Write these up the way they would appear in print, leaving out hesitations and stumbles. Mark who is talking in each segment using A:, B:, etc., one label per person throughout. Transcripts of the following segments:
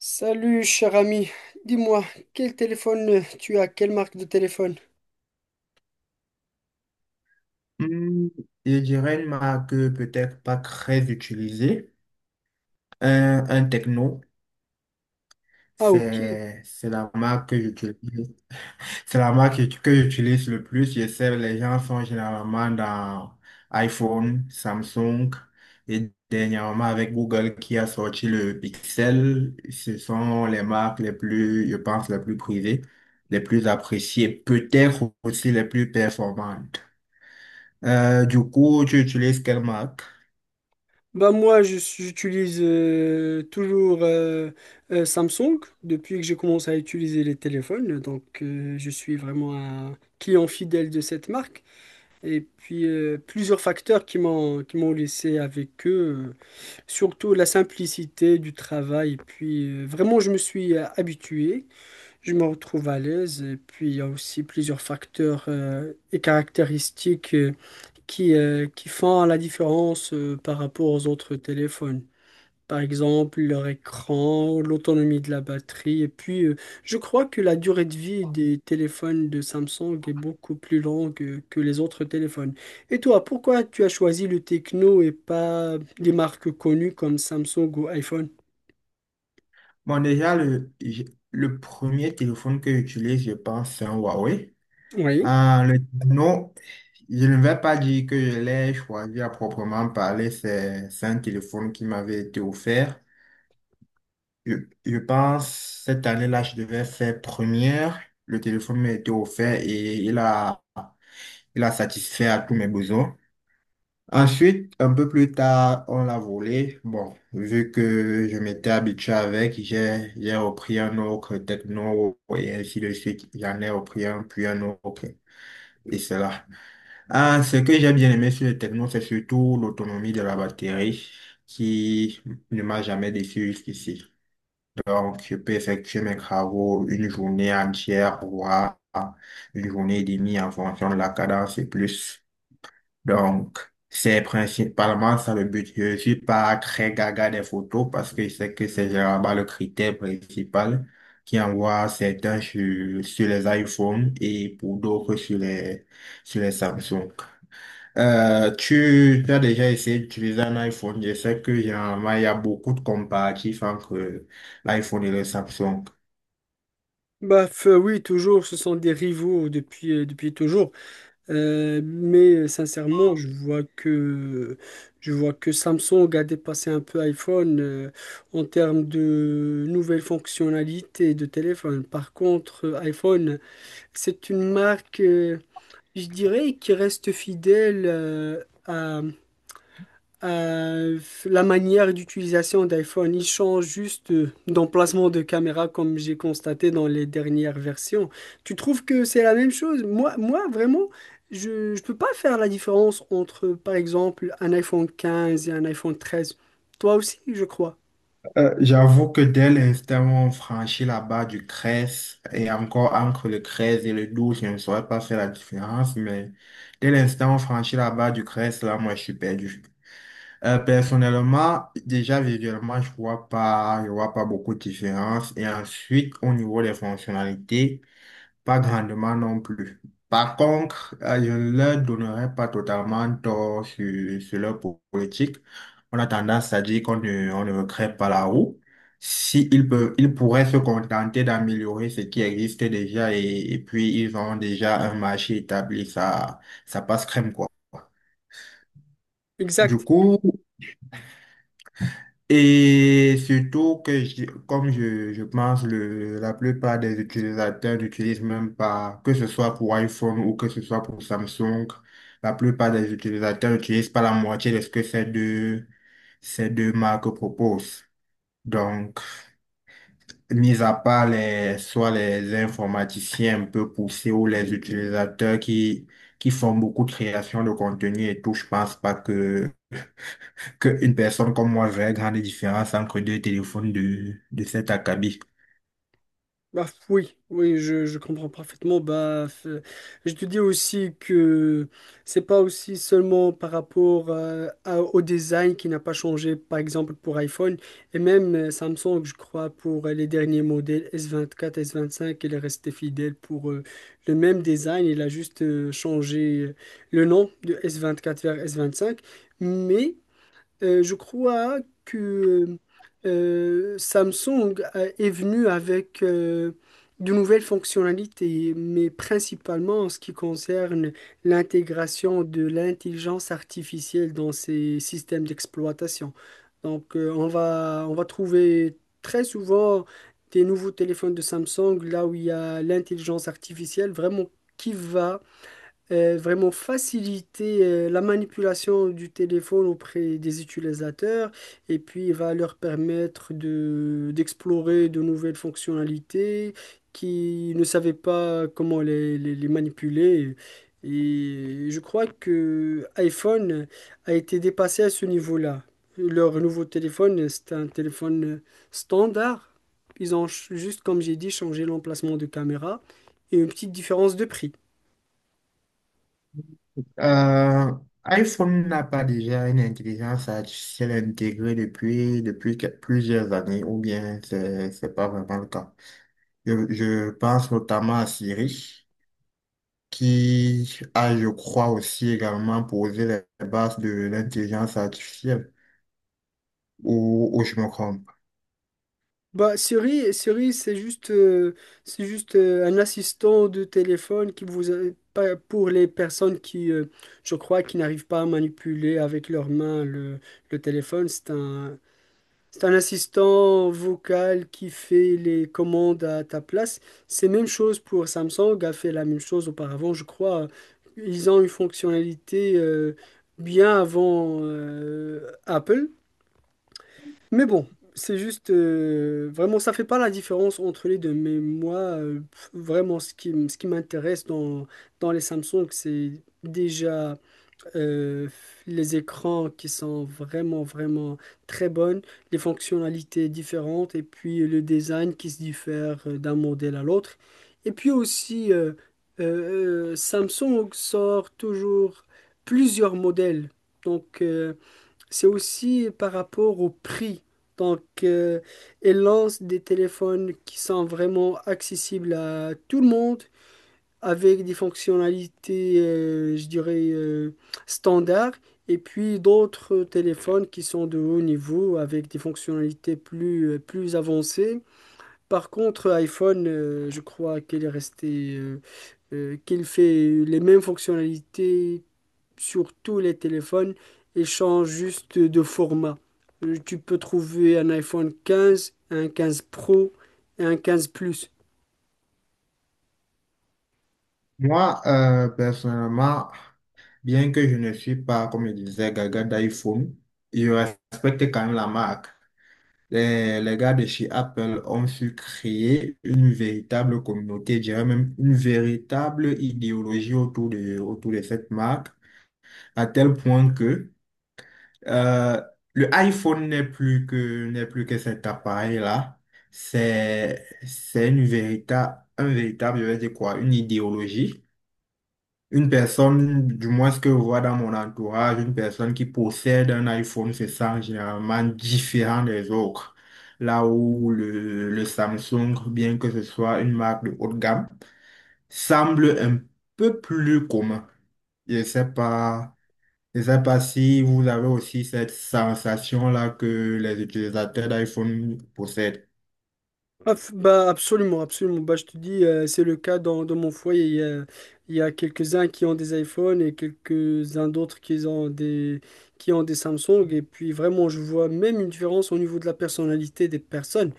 A: Salut cher ami, dis-moi, quel téléphone tu as? Quelle marque de téléphone?
B: Hmm, je dirais une marque peut-être pas très utilisée. Un techno,
A: Ah ok,
B: c'est la marque que j'utilise. C'est la marque que j'utilise le plus. Je sais, les gens sont généralement dans iPhone, Samsung et dernièrement avec Google qui a sorti le Pixel. Ce sont les marques les plus, je pense, les plus prisées, les plus appréciées, peut-être aussi les plus performantes. Du coup, tu utilises quelle marque?
A: bah moi j'utilise toujours Samsung depuis que j'ai commencé à utiliser les téléphones, donc je suis vraiment un client fidèle de cette marque. Et puis plusieurs facteurs qui m'ont laissé avec eux, surtout la simplicité du travail. Et puis vraiment je me suis habitué. Je me retrouve à l'aise et puis il y a aussi plusieurs facteurs et caractéristiques qui font la différence par rapport aux autres téléphones. Par exemple, leur écran, l'autonomie de la batterie. Et puis, je crois que la durée de vie des téléphones de Samsung est beaucoup plus longue que les autres téléphones. Et toi, pourquoi tu as choisi le Tecno et pas des marques connues comme Samsung ou iPhone?
B: Bon, déjà, le premier téléphone que j'utilise, je pense, c'est un Huawei.
A: Oui.
B: Le non, Je ne vais pas dire que je l'ai choisi à proprement parler. C'est un téléphone qui m'avait été offert. Je, je pense, cette année-là, je devais faire première. Le téléphone m'a été offert et il a satisfait à tous mes besoins. Ensuite, un peu plus tard, on l'a volé. Bon, vu que je m'étais habitué avec, j'ai repris un autre techno et ainsi de suite. J'en ai repris un, puis un autre. Et cela. Ah, ce que j'ai bien aimé sur le techno, c'est surtout l'autonomie de la batterie qui ne m'a jamais déçu jusqu'ici. Donc, je peux effectuer mes travaux une journée entière, voire une journée et demie en fonction de la cadence et plus. Donc, c'est principalement ça le but. Je suis pas très gaga des photos parce que je sais que c'est généralement le critère principal qui envoie certains sur les iPhones et pour d'autres sur les Samsung. Tu as déjà essayé d'utiliser un iPhone. Je sais que généralement, il y a beaucoup de comparatifs entre l'iPhone et le Samsung.
A: Oui, toujours, ce sont des rivaux depuis, depuis toujours. Mais sincèrement, je vois que Samsung a dépassé un peu iPhone en termes de nouvelles fonctionnalités de téléphone. Par contre, iPhone, c'est une marque, je dirais, qui reste fidèle euh, la manière d'utilisation d'iPhone, il change juste d'emplacement de caméra comme j'ai constaté dans les dernières versions. Tu trouves que c'est la même chose? Moi vraiment, je ne peux pas faire la différence entre, par exemple, un iPhone 15 et un iPhone 13. Toi aussi, je crois.
B: J'avoue que dès l'instant où on franchit la barre du 13 et encore entre le 13 et le 12, je ne saurais pas faire la différence, mais dès l'instant où on franchit la barre du 13, là, moi, je suis perdu. Personnellement, déjà visuellement, je vois pas beaucoup de différence. Et ensuite, au niveau des fonctionnalités, pas grandement non plus. Par contre, je ne leur donnerai pas totalement tort sur politique. On a tendance à dire qu'on ne, on ne recrée pas la roue. Si ils peuvent, ils pourraient se contenter d'améliorer ce qui existe déjà et puis ils ont déjà un marché établi, ça passe crème, quoi. Du
A: Exact.
B: coup, Et surtout que, je pense, la plupart des utilisateurs n'utilisent même pas, que ce soit pour iPhone ou que ce soit pour Samsung, la plupart des utilisateurs n'utilisent pas la moitié de ce que ces deux marques proposent. Donc, mis à part soit les informaticiens un peu poussés ou les utilisateurs qui font beaucoup de création de contenu et tout, je pense pas que qu'une personne comme moi verrait grande différence entre deux téléphones de cet acabit.
A: Bah, oui, je comprends parfaitement. Je te dis aussi que c'est pas aussi seulement par rapport au design qui n'a pas changé, par exemple pour iPhone et même Samsung, je crois, pour les derniers modèles S24, S25, il est resté fidèle pour le même design. Il a juste changé le nom de S24 vers S25, mais je crois que Samsung est venu avec de nouvelles fonctionnalités, mais principalement en ce qui concerne l'intégration de l'intelligence artificielle dans ses systèmes d'exploitation. Donc, on va trouver très souvent des nouveaux téléphones de Samsung là où il y a l'intelligence artificielle vraiment qui va vraiment faciliter la manipulation du téléphone auprès des utilisateurs et puis il va leur permettre de d'explorer de nouvelles fonctionnalités qui ne savaient pas comment les manipuler. Et je crois que iPhone a été dépassé à ce niveau-là. Leur nouveau téléphone, c'est un téléphone standard. Juste, comme j'ai dit, changé l'emplacement de caméra et une petite différence de prix.
B: Euh, iPhone n'a pas déjà une intelligence artificielle intégrée depuis plusieurs années, ou bien c'est pas vraiment le cas. Je pense notamment à Siri, qui a, je crois, aussi également posé les bases de l'intelligence artificielle, ou je me trompe.
A: Bah, Siri, c'est juste un assistant de téléphone qui vous a- pas- pour les personnes qui, je crois, qui n'arrivent pas à manipuler avec leurs mains le téléphone. C'est un assistant vocal qui fait les commandes à ta place. C'est même chose pour Samsung, a fait la même chose auparavant, je crois. Ils ont une fonctionnalité bien avant Apple. Mais bon, c'est juste vraiment ça fait pas la différence entre les deux. Mais moi, vraiment ce qui m'intéresse dans les Samsung, c'est déjà euh, les écrans qui sont vraiment très bonnes, les fonctionnalités différentes et puis le design qui se diffère d'un modèle à l'autre. Et puis aussi Samsung sort toujours plusieurs modèles. Donc c'est aussi par rapport au prix. Donc, elle lance des téléphones qui sont vraiment accessibles à tout le monde, avec des fonctionnalités, je dirais, standards, et puis d'autres téléphones qui sont de haut niveau, avec des fonctionnalités plus, plus avancées. Par contre, iPhone, je crois qu'elle est restée, qu'elle fait les mêmes fonctionnalités sur tous les téléphones et change juste de format. Tu peux trouver un iPhone 15, un 15 Pro et un 15 Plus.
B: Moi, personnellement, bien que je ne suis pas, comme je disais, gaga d'iPhone, je respecte quand même la marque. Les gars de chez Apple ont su créer une véritable communauté, je dirais même une véritable idéologie autour de cette marque, à tel point que euh, le iPhone n'est plus que cet appareil-là. C'est une véritable, un véritable, je vais dire quoi, une idéologie une personne, du moins ce que je vois dans mon entourage, une personne qui possède un iPhone se sent généralement différent des autres. Là où le Samsung, bien que ce soit une marque de haut de gamme, semble un peu plus commun. Je sais pas, je sais pas si vous avez aussi cette sensation-là que les utilisateurs d'iPhone possèdent.
A: Ah, bah absolument, absolument. Bah, je te dis, c'est le cas dans mon foyer. Il y a quelques-uns qui ont des iPhones et quelques-uns d'autres qui ont qui ont des Samsung. Et puis vraiment, je vois même une différence au niveau de la personnalité des personnes.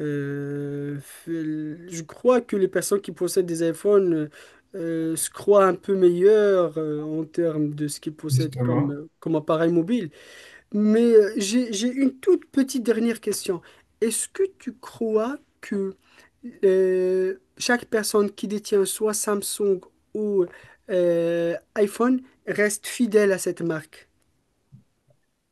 A: Euh, je crois que les personnes qui possèdent des iPhones se croient un peu meilleures en termes de ce qu'ils possèdent comme,
B: Justement.
A: comme appareil mobile. Mais j'ai une toute petite dernière question. Est-ce que tu crois que chaque personne qui détient soit Samsung ou iPhone reste fidèle à cette marque?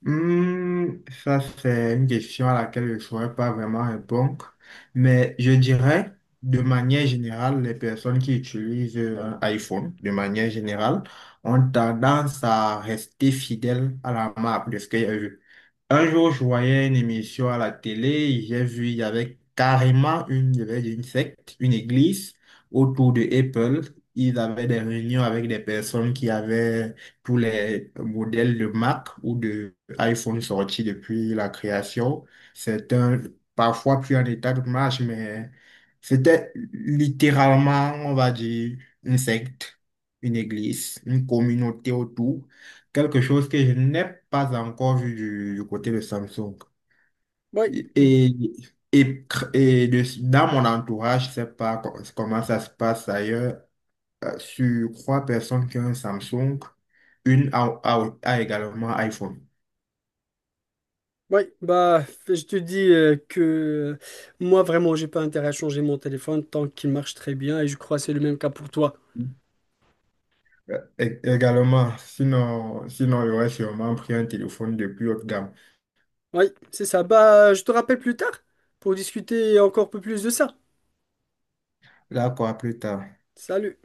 B: Hmm, ça, c'est une question à laquelle je ne saurais pas vraiment répondre, mais je dirais, de manière générale, les personnes qui utilisent un iPhone, de manière générale, ont tendance à rester fidèles à la marque de ce qu'il y a eu. Un jour, je voyais une émission à la télé, j'ai vu, il y avait carrément une, je vais dire une secte, une église autour de Apple. Ils avaient des réunions avec des personnes qui avaient tous les modèles de Mac ou de iPhone sorti depuis la création. C'est un, parfois plus en état de marche, mais c'était littéralement, on va dire, une secte, une église, une communauté autour. Quelque chose que je n'ai pas encore vu du côté de Samsung.
A: Oui.
B: Et, et, et dans mon entourage, je ne sais pas comment ça se passe ailleurs, sur 3 personnes qui ont un Samsung, une a également iPhone.
A: Oui, bah, je te dis que moi, vraiment, j'ai pas intérêt à changer mon téléphone tant qu'il marche très bien et je crois que c'est le même cas pour toi.
B: Également, sinon, j'aurais sûrement pris un téléphone de plus haute gamme.
A: Oui, c'est ça. Bah, je te rappelle plus tard pour discuter encore un peu plus de ça.
B: Là, quoi, plus tard.
A: Salut.